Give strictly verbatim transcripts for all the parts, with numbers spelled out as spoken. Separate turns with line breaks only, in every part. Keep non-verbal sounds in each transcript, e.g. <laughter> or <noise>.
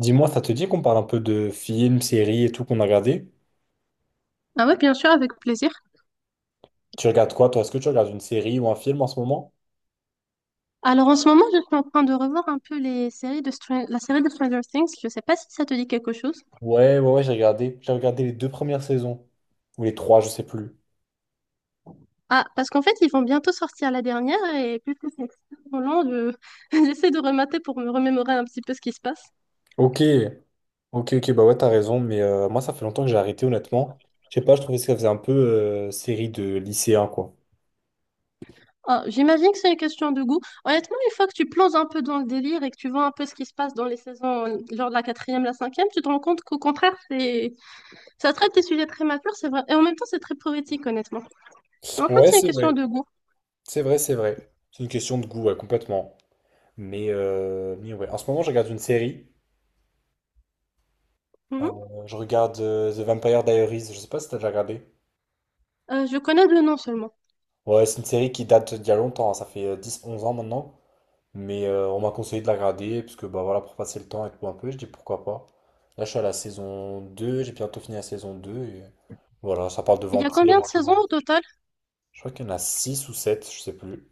Dis-moi, ça te dit qu'on parle un peu de films, séries et tout qu'on a regardé?
Ah ouais, bien sûr, avec plaisir.
Tu regardes quoi, toi? Est-ce que tu regardes une série ou un film en ce moment?
Alors en ce moment, je suis en train de revoir un peu les séries de Stran- la série de Stranger Things. Je sais pas si ça te dit quelque chose.
Ouais, ouais, ouais, j'ai regardé. J'ai regardé les deux premières saisons. Ou les trois, je sais plus.
Ah, parce qu'en fait, ils vont bientôt sortir la dernière et puisque c'est extrêmement long, je- <laughs> J'essaie de remater pour me remémorer un petit peu ce qui se passe.
Ok, ok, ok, bah ouais, t'as raison. Mais euh, moi, ça fait longtemps que j'ai arrêté, honnêtement. Je sais pas, je trouvais que ça faisait un peu euh, série de lycéen, quoi.
Ah, j'imagine que c'est une question de goût. Honnêtement, une fois que tu plonges un peu dans le délire et que tu vois un peu ce qui se passe dans les saisons, genre de la quatrième, la cinquième, tu te rends compte qu'au contraire, c'est ça traite des sujets très matures, c'est vrai. Et en même temps, c'est très poétique, honnêtement. Mais en fait,
Ouais,
c'est une
c'est vrai.
question de goût.
C'est vrai, c'est vrai. C'est une question de goût, ouais, complètement. Mais, euh, mais ouais, en ce moment, je regarde une série. Euh,
Mhm.
je regarde euh, The Vampire Diaries. Je sais pas si t'as déjà regardé.
Euh, je connais le nom seulement.
Ouais, c'est une série qui date d'il y a longtemps, hein, ça fait euh, dix, onze ans maintenant. Mais euh, on m'a conseillé de la regarder, parce que bah voilà, pour passer le temps et tout un peu, je dis pourquoi pas. Là, je suis à la saison deux. J'ai bientôt fini la saison deux. Et voilà, ça parle de
Il y a
vampires
combien
et
de
tout.
saisons au total?
Je crois qu'il y en a six ou sept, je sais plus.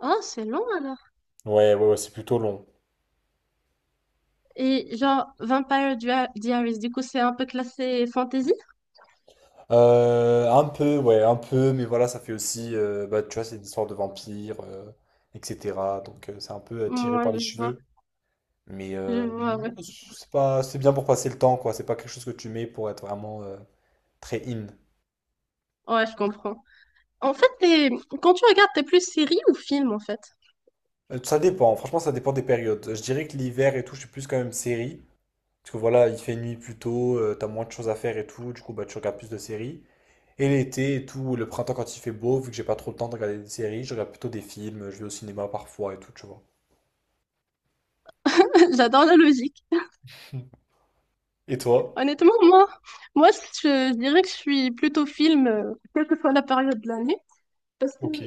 Ah, c'est long alors.
Ouais, ouais, ouais, c'est plutôt long.
Et genre, Vampire Dia- Diaries, du coup, c'est un peu classé fantasy?
Euh, un peu, ouais, un peu, mais voilà, ça fait aussi, euh, bah tu vois, c'est une histoire de vampires, euh, et cetera. Donc euh, c'est un peu euh, tiré
Moi
par les
je vois.
cheveux. Mais,
Je
euh,
vois,
mais
ouais.
ouais, c'est pas, c'est bien pour passer le temps, quoi. C'est pas quelque chose que tu mets pour être vraiment euh, très in.
Ouais, je comprends. En fait, t'es- quand tu regardes, t'es plus série ou film, en fait?
Euh, ça dépend, franchement, ça dépend des périodes. Je dirais que l'hiver et tout, je suis plus quand même série. Parce que voilà, il fait nuit plus tôt, euh, t'as moins de choses à faire et tout, du coup, bah, tu regardes plus de séries. Et l'été et tout, le printemps quand il fait beau, vu que j'ai pas trop le temps de regarder des séries, je regarde plutôt des films, je vais au cinéma parfois et tout, tu vois.
<laughs> J'adore la logique.
Et toi?
Honnêtement, moi, moi, je, je dirais que je suis plutôt film, euh, quelle que soit la période de l'année. Parce que
Ok.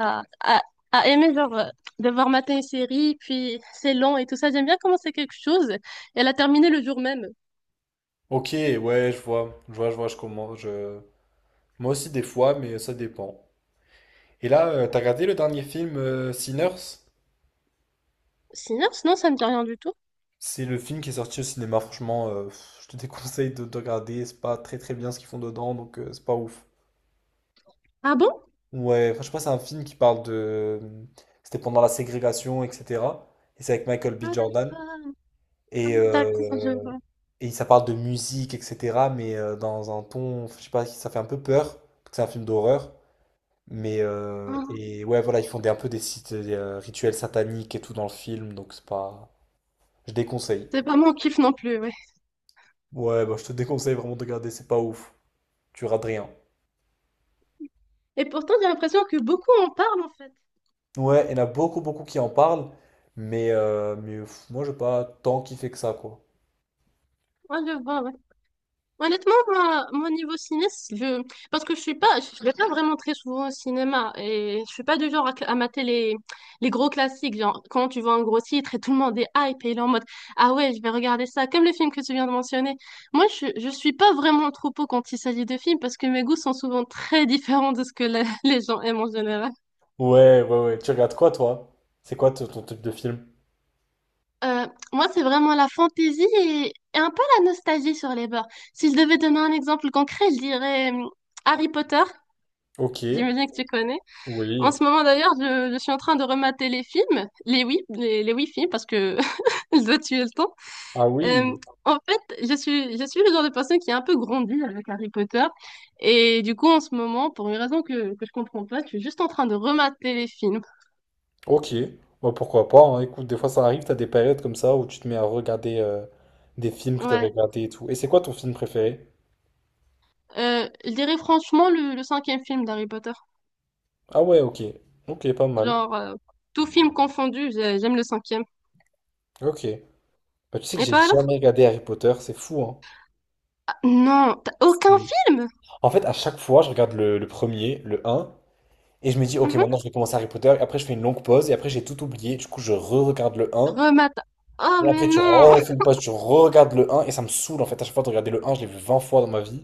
à, à- à aimer genre euh, devoir mater une série, puis c'est long et tout ça. J'aime bien commencer quelque chose et la terminer le jour même.
Ok, ouais, je vois, je vois, je vois, je commence, je... Moi aussi des fois, mais ça dépend. Et là, euh, t'as regardé le dernier film euh, Sinners?
Sinon, sinon ça me dit rien du tout.
C'est le film qui est sorti au cinéma. Franchement, euh, pff, je te <laughs> déconseille de, de regarder. C'est pas très très bien ce qu'ils font dedans, donc euh, c'est pas ouf.
Ah bon?
Ouais, enfin, je sais pas, c'est un film qui parle de. euh, C'était pendant la ségrégation, et cetera. Et c'est avec Michael B.
Ah
Jordan.
d'accord, Ah,
Et,
d'accord, je
euh,
vois.
et ça parle de musique, et cetera. Mais euh, dans un ton, je sais pas, ça fait un peu peur parce que c'est un film d'horreur. Mais euh,
Ah,
et ouais, voilà, ils font des, un peu des sites, des, euh, rituels sataniques et tout dans le film, donc c'est pas. Je déconseille.
c'est pas mon kiff non plus, ouais.
Ouais, bah, je te déconseille vraiment de regarder, c'est pas ouf. Tu rates rien.
Et pourtant, j'ai l'impression que beaucoup en parlent en fait.
Ouais, il y en a beaucoup, beaucoup qui en parlent, mais, euh, mais pff, moi, j'ai pas tant kiffé que ça, quoi.
Moi, je vois, ouais. Honnêtement, moi, mon niveau ciné, je... parce que je suis pas, je vais pas vraiment très souvent au cinéma et je suis pas du genre à, à mater les, les gros classiques. Genre, quand tu vois un gros titre et tout le monde est hype et il est en mode, ah ouais, je vais regarder ça, comme le film que tu viens de mentionner. Moi, je, je suis pas vraiment trop pot quand il s'agit de films parce que mes goûts sont souvent très <laughs> différents de ce que la- <laughs> les gens aiment en général.
Ouais, ouais, ouais. Tu regardes quoi, toi? C'est quoi ton ton type de film?
Euh, Moi, c'est vraiment la fantaisie et, et un peu la nostalgie sur les bords. Si je devais donner un exemple concret, je dirais hum, Harry Potter.
Ok,
J'imagine que tu connais. En
oui.
ce moment d'ailleurs, je, je suis en train de remater les films, les oui, les, les oui films parce que <laughs> je dois tuer le temps.
Ah
Euh,
oui,
En fait, je suis, je suis le genre de personne qui a un peu grandi avec Harry Potter et du coup en ce moment, pour une raison que, que je comprends pas, je suis juste en train de remater les films.
ok. Bah, pourquoi pas, hein. Écoute, des fois, ça arrive, t'as des périodes comme ça où tu te mets à regarder euh, des films que t'avais
Ouais.
regardés et tout. Et c'est quoi ton film préféré?
Euh, je dirais franchement le, le cinquième film d'Harry Potter.
Ah ouais, ok. Ok, pas mal.
Genre euh, tout film confondu, j'ai- j'aime le cinquième.
Ok. Bah, tu sais que
Et
j'ai
toi alors?
jamais regardé Harry Potter, c'est fou,
Ah, non, t'as
hein.
aucun film?
En fait, à chaque fois, je regarde le, le premier, le un, et je me dis, ok, maintenant
Mhm.
je vais commencer Harry Potter, et après je fais une longue pause, et après j'ai tout oublié, du coup je re-regarde le un,
Remate. Oh
et
mais
après tu
non.
refais une pause, tu re-regardes le un, et ça me saoule en fait, à chaque fois de regarder le un, je l'ai vu vingt fois dans ma vie.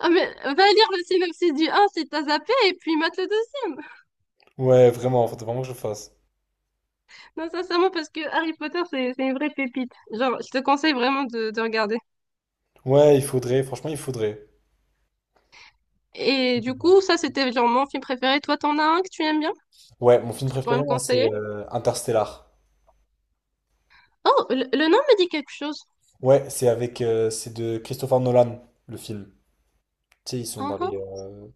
Ah mais va lire le synopsis du un, si t'as zappé et puis mate le deuxième.
Ouais, vraiment, faut vraiment que je le fasse.
Non, sincèrement, parce que Harry Potter, c'est c'est une vraie pépite. Genre, je te conseille vraiment de, de regarder.
Ouais, il faudrait, franchement, il faudrait.
Et du coup, ça, c'était genre mon film préféré. Toi, t'en as un que tu aimes bien?
Ouais, mon film
Que Tu pourrais
préféré,
me
moi, c'est
conseiller?
euh, Interstellar.
Oh, le, le nom me dit quelque chose.
Ouais, c'est avec, euh, c'est de Christopher Nolan, le film. Tu sais, ils sont
Ah,
dans les,
ah.
euh,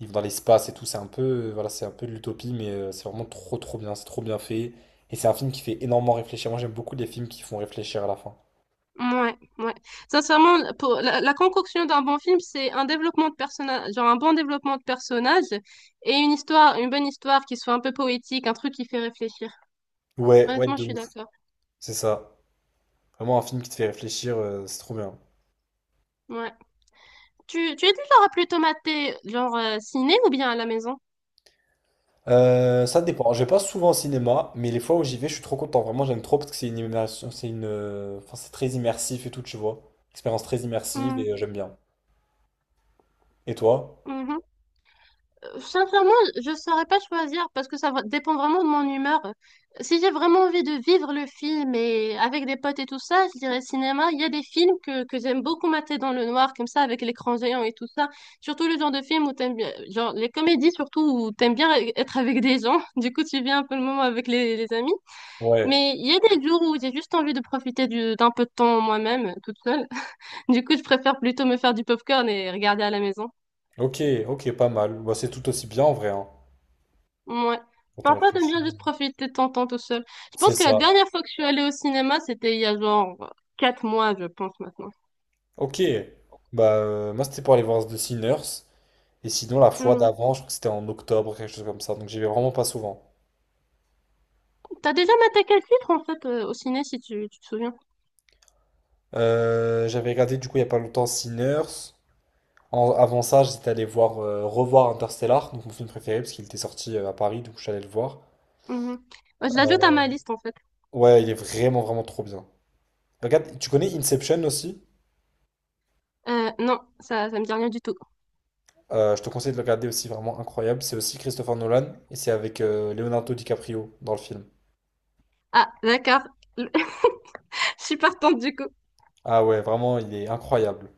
ils vont dans l'espace et tout. C'est un peu, euh, voilà, c'est un peu de l'utopie, mais euh, c'est vraiment trop, trop bien. C'est trop bien fait. Et c'est un film qui fait énormément réfléchir. Moi, j'aime beaucoup les films qui font réfléchir à la fin.
Ouais, ouais. Sincèrement, pour la, la concoction d'un bon film, c'est un développement de personnage, genre un bon développement de personnage et une histoire, une bonne histoire qui soit un peu poétique, un truc qui fait réfléchir.
Ouais, ouais,
Honnêtement,
de
je suis
ouf.
d'accord.
C'est ça. Vraiment un film qui te fait réfléchir. euh, c'est trop bien.
Ouais. Tu, tu es du genre à plutôt mater, genre euh, ciné ou bien à la maison?
Euh, ça dépend. Je vais pas souvent au cinéma, mais les fois où j'y vais, je suis trop content. Vraiment, j'aime trop parce que c'est une immersion, c'est une, euh, enfin, c'est très immersif et tout, tu vois. Expérience très immersive
Hmm,
et euh, j'aime bien. Et toi?
mhm. Euh, Sincèrement, je saurais pas choisir parce que ça va- dépend vraiment de mon humeur. Si j'ai vraiment envie de vivre le film et avec des potes et tout ça, je dirais cinéma. Il y a des films que, que j'aime beaucoup mater dans le noir, comme ça, avec l'écran géant et tout ça. Surtout le genre de film où t'aimes bien, genre les comédies surtout où t'aimes bien être avec des gens. <laughs> Du coup, tu viens un peu le moment avec les, les amis.
Ouais.
Mais il y a des jours où j'ai juste envie de profiter du- d'un peu de temps moi-même, toute seule. Du coup, je préfère plutôt me faire du popcorn et regarder à la maison.
Ok, ok, pas mal. Bah, c'est tout aussi bien en vrai, hein,
Ouais.
quand on
Parfois, t'aimes
réfléchit.
bien juste profiter de ton temps tout seul. Je
C'est
pense que la
ça.
dernière fois que je suis allée au cinéma, c'était il y a genre quatre mois, je pense maintenant.
Ok. Bah, euh, moi, c'était pour aller voir The Sinners. Et sinon, la fois
Mhm.
d'avant, je crois que c'était en octobre, quelque chose comme ça. Donc, j'y vais vraiment pas souvent.
T'as déjà maté quel titre en fait euh, au ciné si tu, tu te souviens?
Euh, j'avais regardé, du coup, il y a pas longtemps, Sinners. En- avant ça, j'étais allé voir, euh, revoir Interstellar, donc mon film préféré, parce qu'il était sorti euh, à Paris, donc je suis allé le voir.
Mhm. Ouais, Je l'ajoute à ma liste en fait.
Ouais, il est vraiment, vraiment trop bien. Regarde, tu connais Inception aussi?
Euh, non, ça, ça me dit rien du tout.
Euh, je te conseille de le regarder aussi, vraiment incroyable. C'est aussi Christopher Nolan, et c'est avec euh, Leonardo DiCaprio dans le film.
Ah, d'accord. <laughs> Je suis partante du coup.
Ah ouais, vraiment, il est incroyable.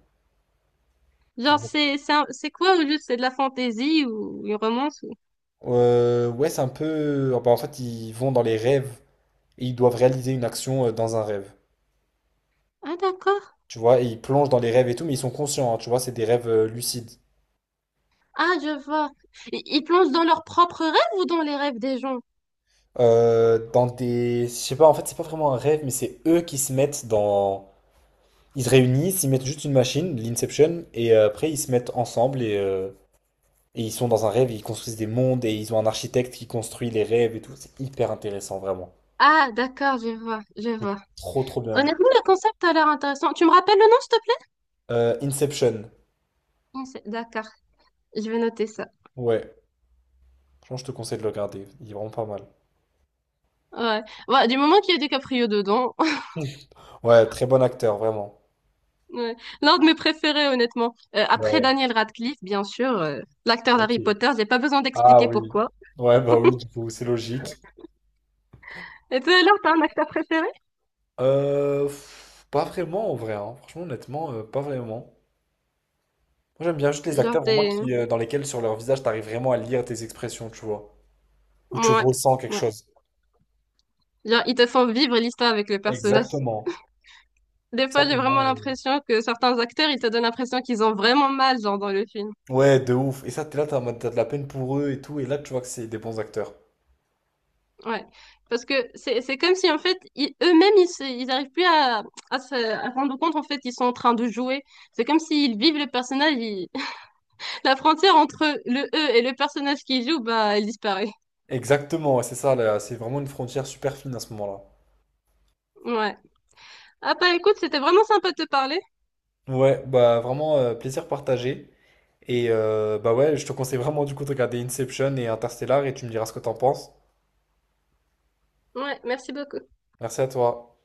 Genre, c'est c'est un- c'est quoi au juste? C'est de la fantaisie ou une romance ou...
Euh, ouais, c'est un peu, ah bah, en fait, ils vont dans les rêves et ils doivent réaliser une action euh, dans un rêve.
Ah, d'accord.
Tu vois, et ils plongent dans les rêves et tout, mais ils sont conscients, hein, tu vois, c'est des rêves euh, lucides.
Ah, je vois. I- Ils plongent dans leurs propres rêves ou dans les rêves des gens?
Euh, dans des. Je sais pas, en fait, c'est pas vraiment un rêve, mais c'est eux qui se mettent dans. Ils se réunissent, ils mettent juste une machine, l'Inception, et euh, après ils se mettent ensemble et, euh, et ils sont dans un rêve, ils construisent des mondes et ils ont un architecte qui construit les rêves et tout. C'est hyper intéressant, vraiment.
Ah, d'accord, je vois, je vois.
Trop, trop bien.
Honnêtement, le concept a l'air intéressant. Tu me rappelles le nom, s'il te plaît?
Euh, Inception,
Inse- D'accord, je vais noter ça.
ouais. Franchement, je te conseille de le regarder, il est vraiment pas mal.
Ouais. Ouais, du moment qu'il y a DiCaprio dedans. <laughs>
<laughs> Ouais, très bon acteur, vraiment.
Ouais. L'un de mes préférés, honnêtement. Euh, après
Ouais,
Daniel Radcliffe, bien sûr, euh, l'acteur
ok.
d'Harry Potter, j'ai pas besoin
Ah
d'expliquer
oui.
pourquoi.
Ouais, bah oui, du coup, c'est logique.
Et toi, alors, t'as un acteur préféré?
Euh, pff, pas vraiment, en vrai, hein. Franchement, honnêtement, euh, pas vraiment. Moi, j'aime bien juste les
Genre,
acteurs vraiment
t'es...
qui, euh, dans lesquels, sur leur visage, t'arrives vraiment à lire tes expressions, tu vois. Ou tu
Ouais,
ressens quelque
ouais.
chose.
Genre, ils te font vivre l'histoire avec le personnage.
Exactement.
Des
Ça,
fois, j'ai
pour
vraiment
moi. euh,
l'impression que certains acteurs, ils te donnent l'impression qu'ils ont vraiment mal, genre, dans le film.
Ouais, de ouf. Et ça, t'es là, t'as, en mode- t'as de la peine pour eux et tout. Et là, tu vois que c'est des bons acteurs.
Ouais. Parce que c'est, c'est comme si, en fait, ils- eux-mêmes, ils, se- ils arrivent plus à, à se à se rendre compte, en fait, qu'ils sont en train de jouer. C'est comme s'ils vivent le personnage, ils- <laughs> La frontière entre le eux et le personnage qu'ils jouent, bah, elle disparaît.
Exactement, ouais, c'est ça, là. C'est vraiment une frontière super fine à ce moment-là.
Ouais. Ah, bah, écoute, c'était vraiment sympa de te parler.
Ouais, bah vraiment, euh, plaisir partagé. Et euh, bah ouais, je te conseille vraiment du coup de regarder Inception et Interstellar et tu me diras ce que t'en penses.
Ouais, merci beaucoup.
Merci à toi.